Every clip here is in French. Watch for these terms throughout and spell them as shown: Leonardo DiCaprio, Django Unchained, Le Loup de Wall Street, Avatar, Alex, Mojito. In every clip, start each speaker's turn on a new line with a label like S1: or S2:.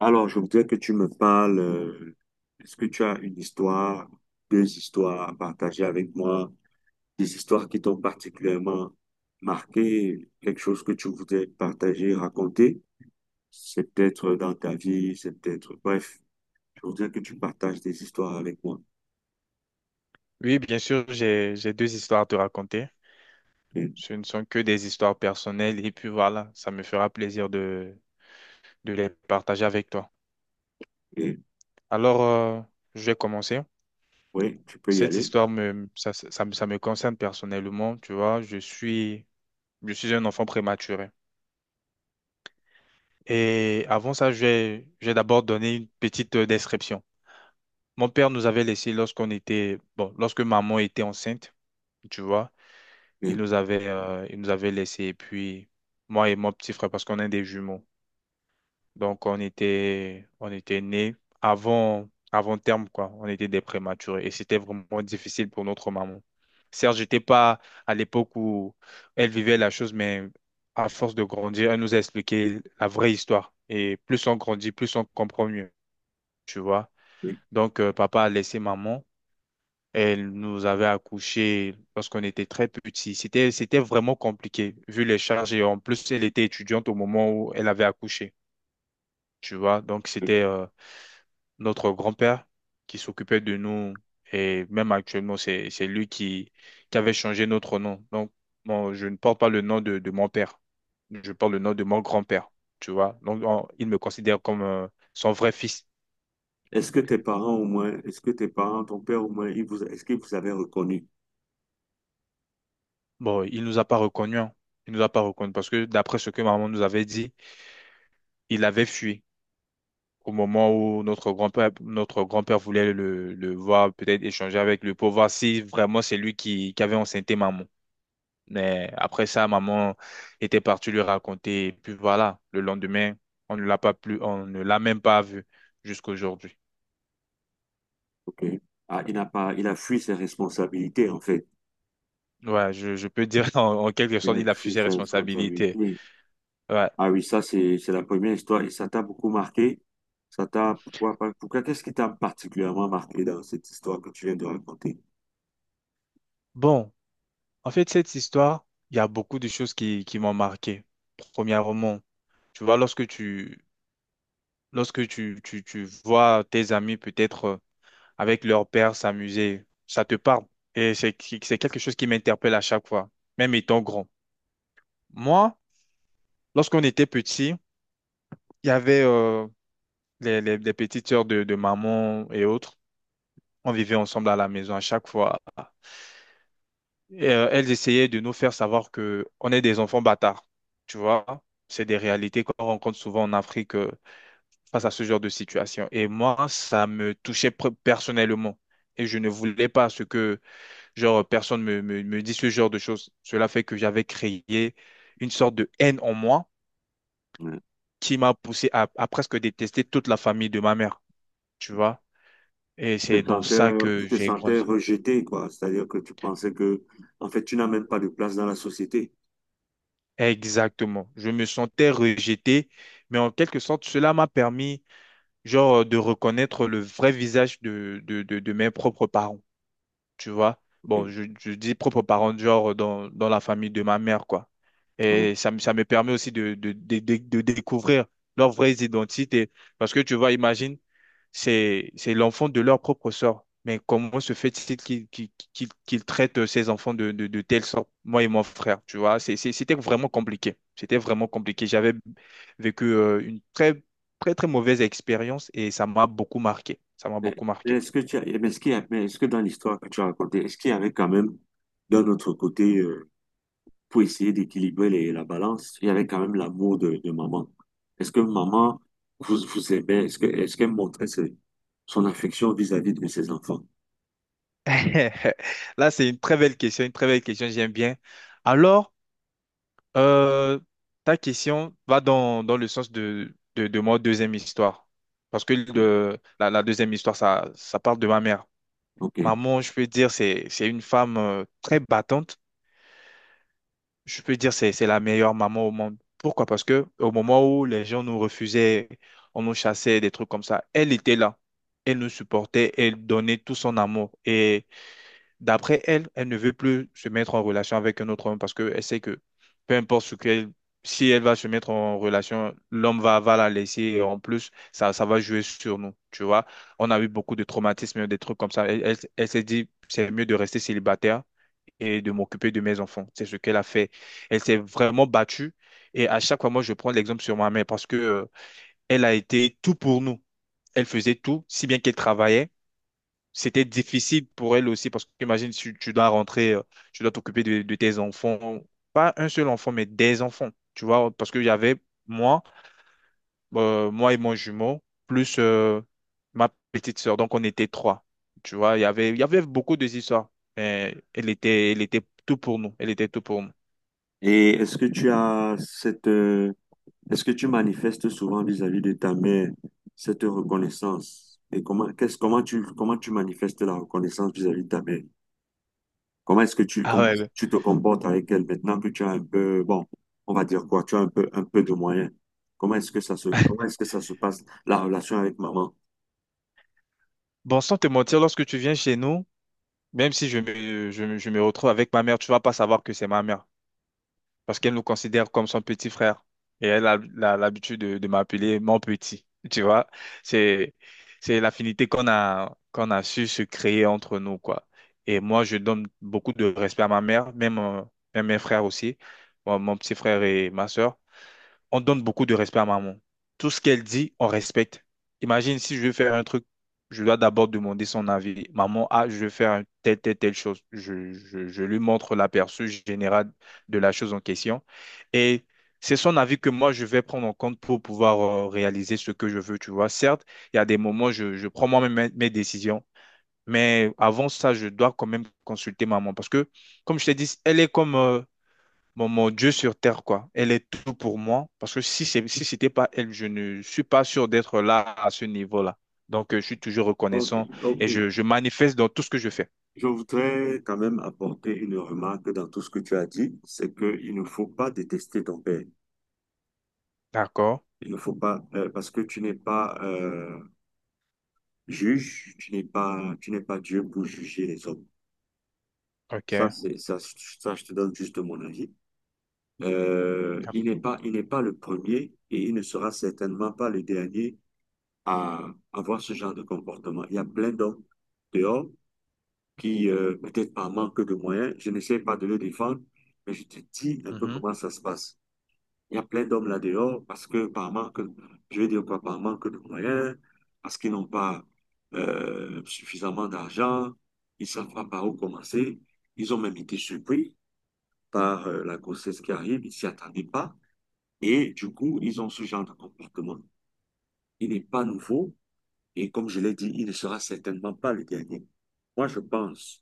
S1: Alors, je voudrais que tu me parles. Est-ce que tu as une histoire, deux histoires à partager avec moi, des histoires qui t'ont particulièrement marqué, quelque chose que tu voudrais partager, raconter? C'est peut-être dans ta vie, c'est peut-être Bref, je voudrais que tu partages des histoires avec moi.
S2: Oui, bien sûr, j'ai deux histoires à te raconter.
S1: Et,
S2: Ce ne sont que des histoires personnelles et puis voilà, ça me fera plaisir de les partager avec toi.
S1: et-
S2: Alors, je vais commencer.
S1: oui, tu peux y
S2: Cette
S1: aller.
S2: histoire me ça, ça, ça me Ça me concerne personnellement, tu vois, je suis un enfant prématuré. Et avant ça, je vais d'abord donner une petite description. Mon père nous avait laissés lorsque maman était enceinte, tu vois.
S1: Et-
S2: Il nous avait laissé. Et puis, moi et mon petit frère, parce qu'on est des jumeaux. Donc, on était nés avant terme, quoi. On était des prématurés. Et c'était vraiment difficile pour notre maman. Certes, j'étais pas à l'époque où elle vivait la chose, mais à force de grandir, elle nous a expliqué la vraie histoire. Et plus on grandit, plus on comprend mieux, tu vois.
S1: et-
S2: Donc, papa a laissé maman. Elle nous avait accouchés lorsqu'on était très petits. C'était vraiment compliqué, vu les charges. Et en plus, elle était étudiante au moment où elle avait accouché, tu vois. Donc,
S1: et-
S2: c'était notre grand-père qui s'occupait de nous. Et même actuellement, c'est lui qui avait changé notre nom. Donc, bon, je ne porte pas le nom de mon père. Je porte le nom de mon grand-père, tu vois. Donc, il me considère comme son vrai fils.
S1: Est-ce que tes parents au moins, est-ce que tes parents, ton père au moins, est-ce qu'il vous avait reconnu?
S2: Bon, il nous a pas reconnus, hein. Il nous a pas reconnus parce que d'après ce que maman nous avait dit, il avait fui au moment où notre grand-père voulait le voir, peut-être échanger avec lui pour voir si vraiment c'est lui qui avait enceinté maman. Mais après ça, maman était partie lui raconter. Et puis voilà, le lendemain, on ne l'a pas plus, on ne l'a même pas vu jusqu'aujourd'hui.
S1: OK. Ah, il n'a pas, il a fui ses responsabilités en fait.
S2: Ouais, je peux dire en quelque sorte,
S1: Une
S2: il a fui
S1: prise
S2: ses
S1: de
S2: responsabilités.
S1: responsabilité.
S2: Ouais.
S1: Ah oui, ça, c'est la première histoire et ça t'a beaucoup marqué. Ça t'a, pourquoi, pas- pourquoi, qu'est-ce qui t'a particulièrement marqué dans cette histoire que tu viens de raconter?
S2: Bon, en fait, cette histoire, il y a beaucoup de choses qui m'ont marqué. Premièrement, tu vois, tu vois tes amis peut-être avec leur père s'amuser. Ça te parle. Et c'est quelque chose qui m'interpelle à chaque fois, même étant grand. Moi, lorsqu'on était petit, il y avait les petites sœurs de maman et autres. On vivait ensemble à la maison à chaque fois. Et, elles essayaient de nous faire savoir que on est des enfants bâtards. Tu vois, c'est des réalités qu'on rencontre souvent en Afrique, face à ce genre de situation. Et moi, ça me touchait personnellement. Et je ne voulais pas ce que... personne me dit ce genre de choses. Cela fait que j'avais créé une sorte de haine en moi
S1: Ouais.
S2: qui m'a poussé à presque détester toute la famille de ma mère, tu vois. Et c'est dans ça que
S1: Tu te
S2: j'ai
S1: sentais
S2: grandi.
S1: rejeté, quoi. C'est-à-dire que tu pensais que, en fait, tu n'as même pas de place dans la société.
S2: Exactement. Je me sentais rejeté, mais en quelque sorte, cela m'a permis, genre, de reconnaître le vrai visage de mes propres parents, tu vois.
S1: Ok.
S2: Bon, je dis propres parents de genre dans la famille de ma mère, quoi.
S1: Ouais.
S2: Et ça, ça me permet aussi de découvrir leurs vraies identités. Parce que tu vois, imagine, c'est l'enfant de leur propre sort. Mais comment se fait-il qu'ils traitent ces enfants de telle sorte, moi et mon frère, tu vois? C'était vraiment compliqué. C'était vraiment compliqué. J'avais vécu une très mauvaise expérience et ça m'a beaucoup marqué. Ça m'a
S1: Mais
S2: beaucoup
S1: mais
S2: marqué.
S1: est-ce que tu as, mais est-ce qu'il y a- mais est-ce que dans l'histoire que tu as racontée, est-ce qu'il y avait quand même, d'un autre côté, pour essayer d'équilibrer les- la balance, il y avait quand même l'amour de maman. Est-ce que maman vous, vous aimait? Est-ce qu'elle montrait ce- son affection vis-à-vis de ses enfants?
S2: Là, c'est une très belle question, une très belle question, j'aime bien. Alors, euh, ta question va dans le sens de ma deuxième histoire. Parce que la deuxième histoire, ça parle de ma mère.
S1: OK.
S2: Maman, je peux dire, c'est une femme très battante. Je peux dire, c'est la meilleure maman au monde. Pourquoi? Parce que au moment où les gens nous refusaient, on nous chassait, des trucs comme ça, elle était là. Elle nous supportait, elle donnait tout son amour. Et d'après elle, elle ne veut plus se mettre en relation avec un autre homme parce qu'elle sait que peu importe ce qu'elle... si elle va se mettre en relation, l'homme va la laisser et en plus, ça va jouer sur nous. Tu vois, on a eu beaucoup de traumatismes, des trucs comme ça. Elle s'est dit, c'est mieux de rester célibataire et de m'occuper de mes enfants. C'est ce qu'elle a fait. Elle s'est vraiment battue et à chaque fois, moi, je prends l'exemple sur ma mère parce que, elle a été tout pour nous. Elle faisait tout, si bien qu'elle travaillait. C'était difficile pour elle aussi parce que imagine, tu dois rentrer, tu dois t'occuper de tes enfants, pas un seul enfant, mais des enfants, tu vois, parce qu'il y avait moi, moi et mon jumeau, plus ma petite sœur. Donc, on était trois. Tu vois, il y avait beaucoup de histoires. Mais elle était tout pour nous. Elle était tout pour nous.
S1: Et est-ce que tu as cette, est-ce que tu manifestes souvent vis-à-vis de ta mère cette reconnaissance? Et comment tu manifestes la reconnaissance vis-à-vis de ta mère?
S2: Ah
S1: Comment est-ce que
S2: ouais.
S1: tu te comportes avec elle maintenant que tu as un peu, bon, on va dire quoi, tu as un peu de moyens. Comment est-ce que ça se passe, la relation avec maman?
S2: Bon, sans te mentir, lorsque tu viens chez nous, même si je me retrouve avec ma mère, tu vas pas savoir que c'est ma mère, parce qu'elle nous considère comme son petit frère. Et elle a l'habitude de m'appeler mon petit. Tu vois, c'est, c'est l'affinité qu'on a, qu'on a su se créer entre nous, quoi. Et moi, je donne beaucoup de respect à ma mère, même, même mes frères aussi. Moi, mon petit frère et ma sœur, on donne beaucoup de respect à maman. Tout ce qu'elle dit, on respecte. Imagine si je veux faire un truc, je dois d'abord demander son avis. Maman, ah, je veux faire un telle, telle, telle chose. Je lui montre l'aperçu général de la chose en question. Et c'est son avis que moi, je vais prendre en compte pour pouvoir réaliser ce que je veux, tu vois. Certes, il y a des moments, je prends moi-même mes décisions. Mais avant ça, je dois quand même consulter maman parce que, comme je t'ai dit, elle est comme, mon Dieu sur terre, quoi. Elle est tout pour moi. Parce que si c'était pas elle, je ne suis pas sûr d'être là à ce niveau-là. Donc, je suis toujours
S1: Ok,
S2: reconnaissant
S1: ok.
S2: et je manifeste dans tout ce que je fais.
S1: Je voudrais quand même apporter une remarque dans tout ce que tu as dit, c'est qu'il ne faut pas détester ton père.
S2: D'accord.
S1: Il ne faut pas, parce que tu n'es pas juge, tu n'es pas Dieu pour juger les hommes. Ça,
S2: OK.
S1: je te donne juste mon avis. Il n'est pas le premier et il ne sera certainement pas le dernier à avoir ce genre de comportement. Il y a plein d'hommes dehors qui, peut-être par manque de moyens, je n'essaie pas de le défendre, mais je te dis un peu
S2: Mhm,
S1: comment ça se passe. Il y a plein d'hommes là dehors parce que par manque, je vais dire quoi, par manque de moyens, parce qu'ils n'ont pas suffisamment d'argent, ils ne savent pas par où commencer. Ils ont même été surpris par la grossesse qui arrive, ils ne s'y attendaient pas. Et du coup, ils ont ce genre de comportement. Il n'est pas nouveau et comme je l'ai dit, il ne sera certainement pas le dernier. Moi, je pense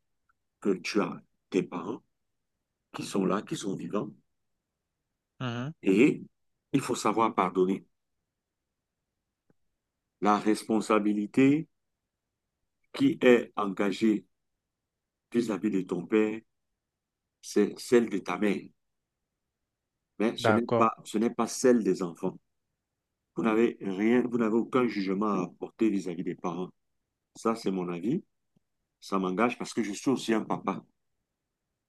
S1: que tu as tes parents qui sont là, qui sont vivants
S2: mhm.
S1: et il faut savoir pardonner. La responsabilité qui est engagée vis-à-vis de ton père, c'est celle de ta mère, mais
S2: D'accord.
S1: ce n'est pas celle des enfants. Vous n'avez aucun jugement à apporter vis-à-vis des parents. Ça, c'est mon avis. Ça m'engage parce que je suis aussi un papa.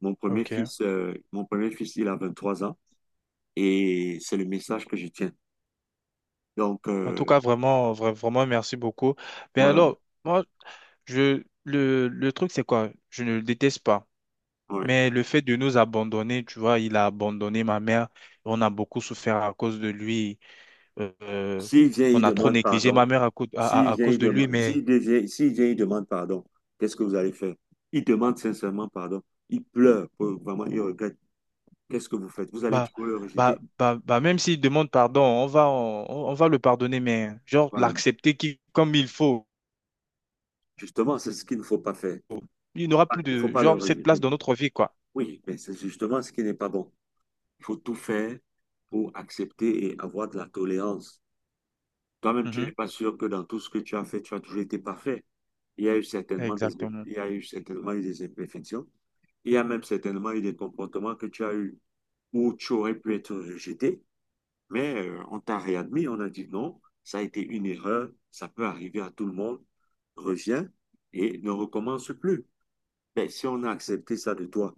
S2: OK.
S1: Mon premier fils, il a 23 ans et c'est le message que je tiens. Donc,
S2: En tout
S1: euh,
S2: cas, vraiment, vraiment, merci beaucoup. Mais
S1: voilà.
S2: alors, moi, je... le truc, c'est quoi? Je ne le déteste pas.
S1: Ouais.
S2: Mais le fait de nous abandonner, tu vois, il a abandonné ma mère. On a beaucoup souffert à cause de lui. Euh,
S1: S'il vient, il
S2: on a trop
S1: demande
S2: négligé
S1: pardon.
S2: ma mère à, à cause de lui, mais...
S1: S'il vient, il demande pardon. Qu'est-ce que vous allez faire? Il demande sincèrement pardon. Il pleure, vraiment, il regrette. Qu'est-ce que vous faites? Vous allez
S2: bah,
S1: toujours le rejeter?
S2: bah, même s'il demande pardon, on va le pardonner, mais genre
S1: Voilà.
S2: l'accepter qui, comme il faut.
S1: Justement, c'est ce qu'il ne faut pas faire.
S2: Il n'aura
S1: Il
S2: plus
S1: ne faut
S2: de,
S1: pas le
S2: genre, cette place
S1: rejeter.
S2: dans notre vie, quoi.
S1: Oui, mais c'est justement ce qui n'est pas bon. Il faut tout faire pour accepter et avoir de la tolérance. Toi-même, tu n'es
S2: Mhm.
S1: pas sûr que dans tout ce que tu as fait, tu as toujours été parfait. Il y a eu certainement des,
S2: Exactement.
S1: il y a eu certainement eu des imperfections. Il y a même certainement eu des comportements que tu as eu où tu aurais pu être rejeté. Mais on t'a réadmis, on a dit non, ça a été une erreur, ça peut arriver à tout le monde. Reviens et ne recommence plus. Mais si on a accepté ça de toi,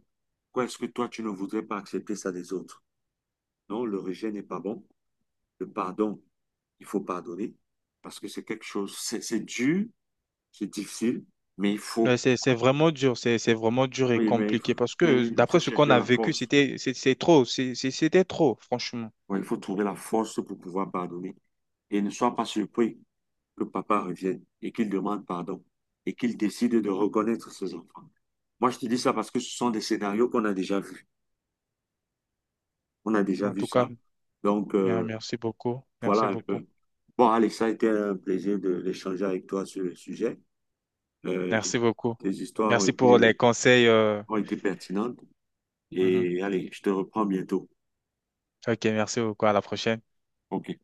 S1: pourquoi est-ce que toi, tu ne voudrais pas accepter ça des autres? Non, le rejet n'est pas bon. Le pardon, il faut pardonner parce que c'est quelque chose, c'est dur. C'est difficile, mais il
S2: Mais
S1: faut,
S2: c'est vraiment dur, c'est vraiment dur et
S1: oui,
S2: compliqué parce
S1: mais
S2: que
S1: il
S2: d'après
S1: faut
S2: ce qu'on
S1: chercher
S2: a
S1: la
S2: vécu,
S1: force.
S2: c'est trop, c'était trop, franchement.
S1: Ouais, il faut trouver la force pour pouvoir pardonner. Et ne sois pas surpris que papa revienne et qu'il demande pardon et qu'il décide de reconnaître ses enfants. Moi, je te dis ça parce que ce sont des scénarios qu'on a déjà vus. On a déjà
S2: En
S1: vu
S2: tout cas,
S1: ça. Donc,
S2: bien,
S1: euh,
S2: merci beaucoup,
S1: voilà
S2: merci
S1: un
S2: beaucoup,
S1: peu. Bon, Alex, ça a été un plaisir de- d'échanger avec toi sur le sujet. Euh, tes,
S2: merci beaucoup.
S1: tes histoires
S2: Merci pour les conseils.
S1: ont été pertinentes.
S2: Mhm.
S1: Et allez, je te reprends bientôt.
S2: Ok, merci beaucoup. À la prochaine.
S1: OK.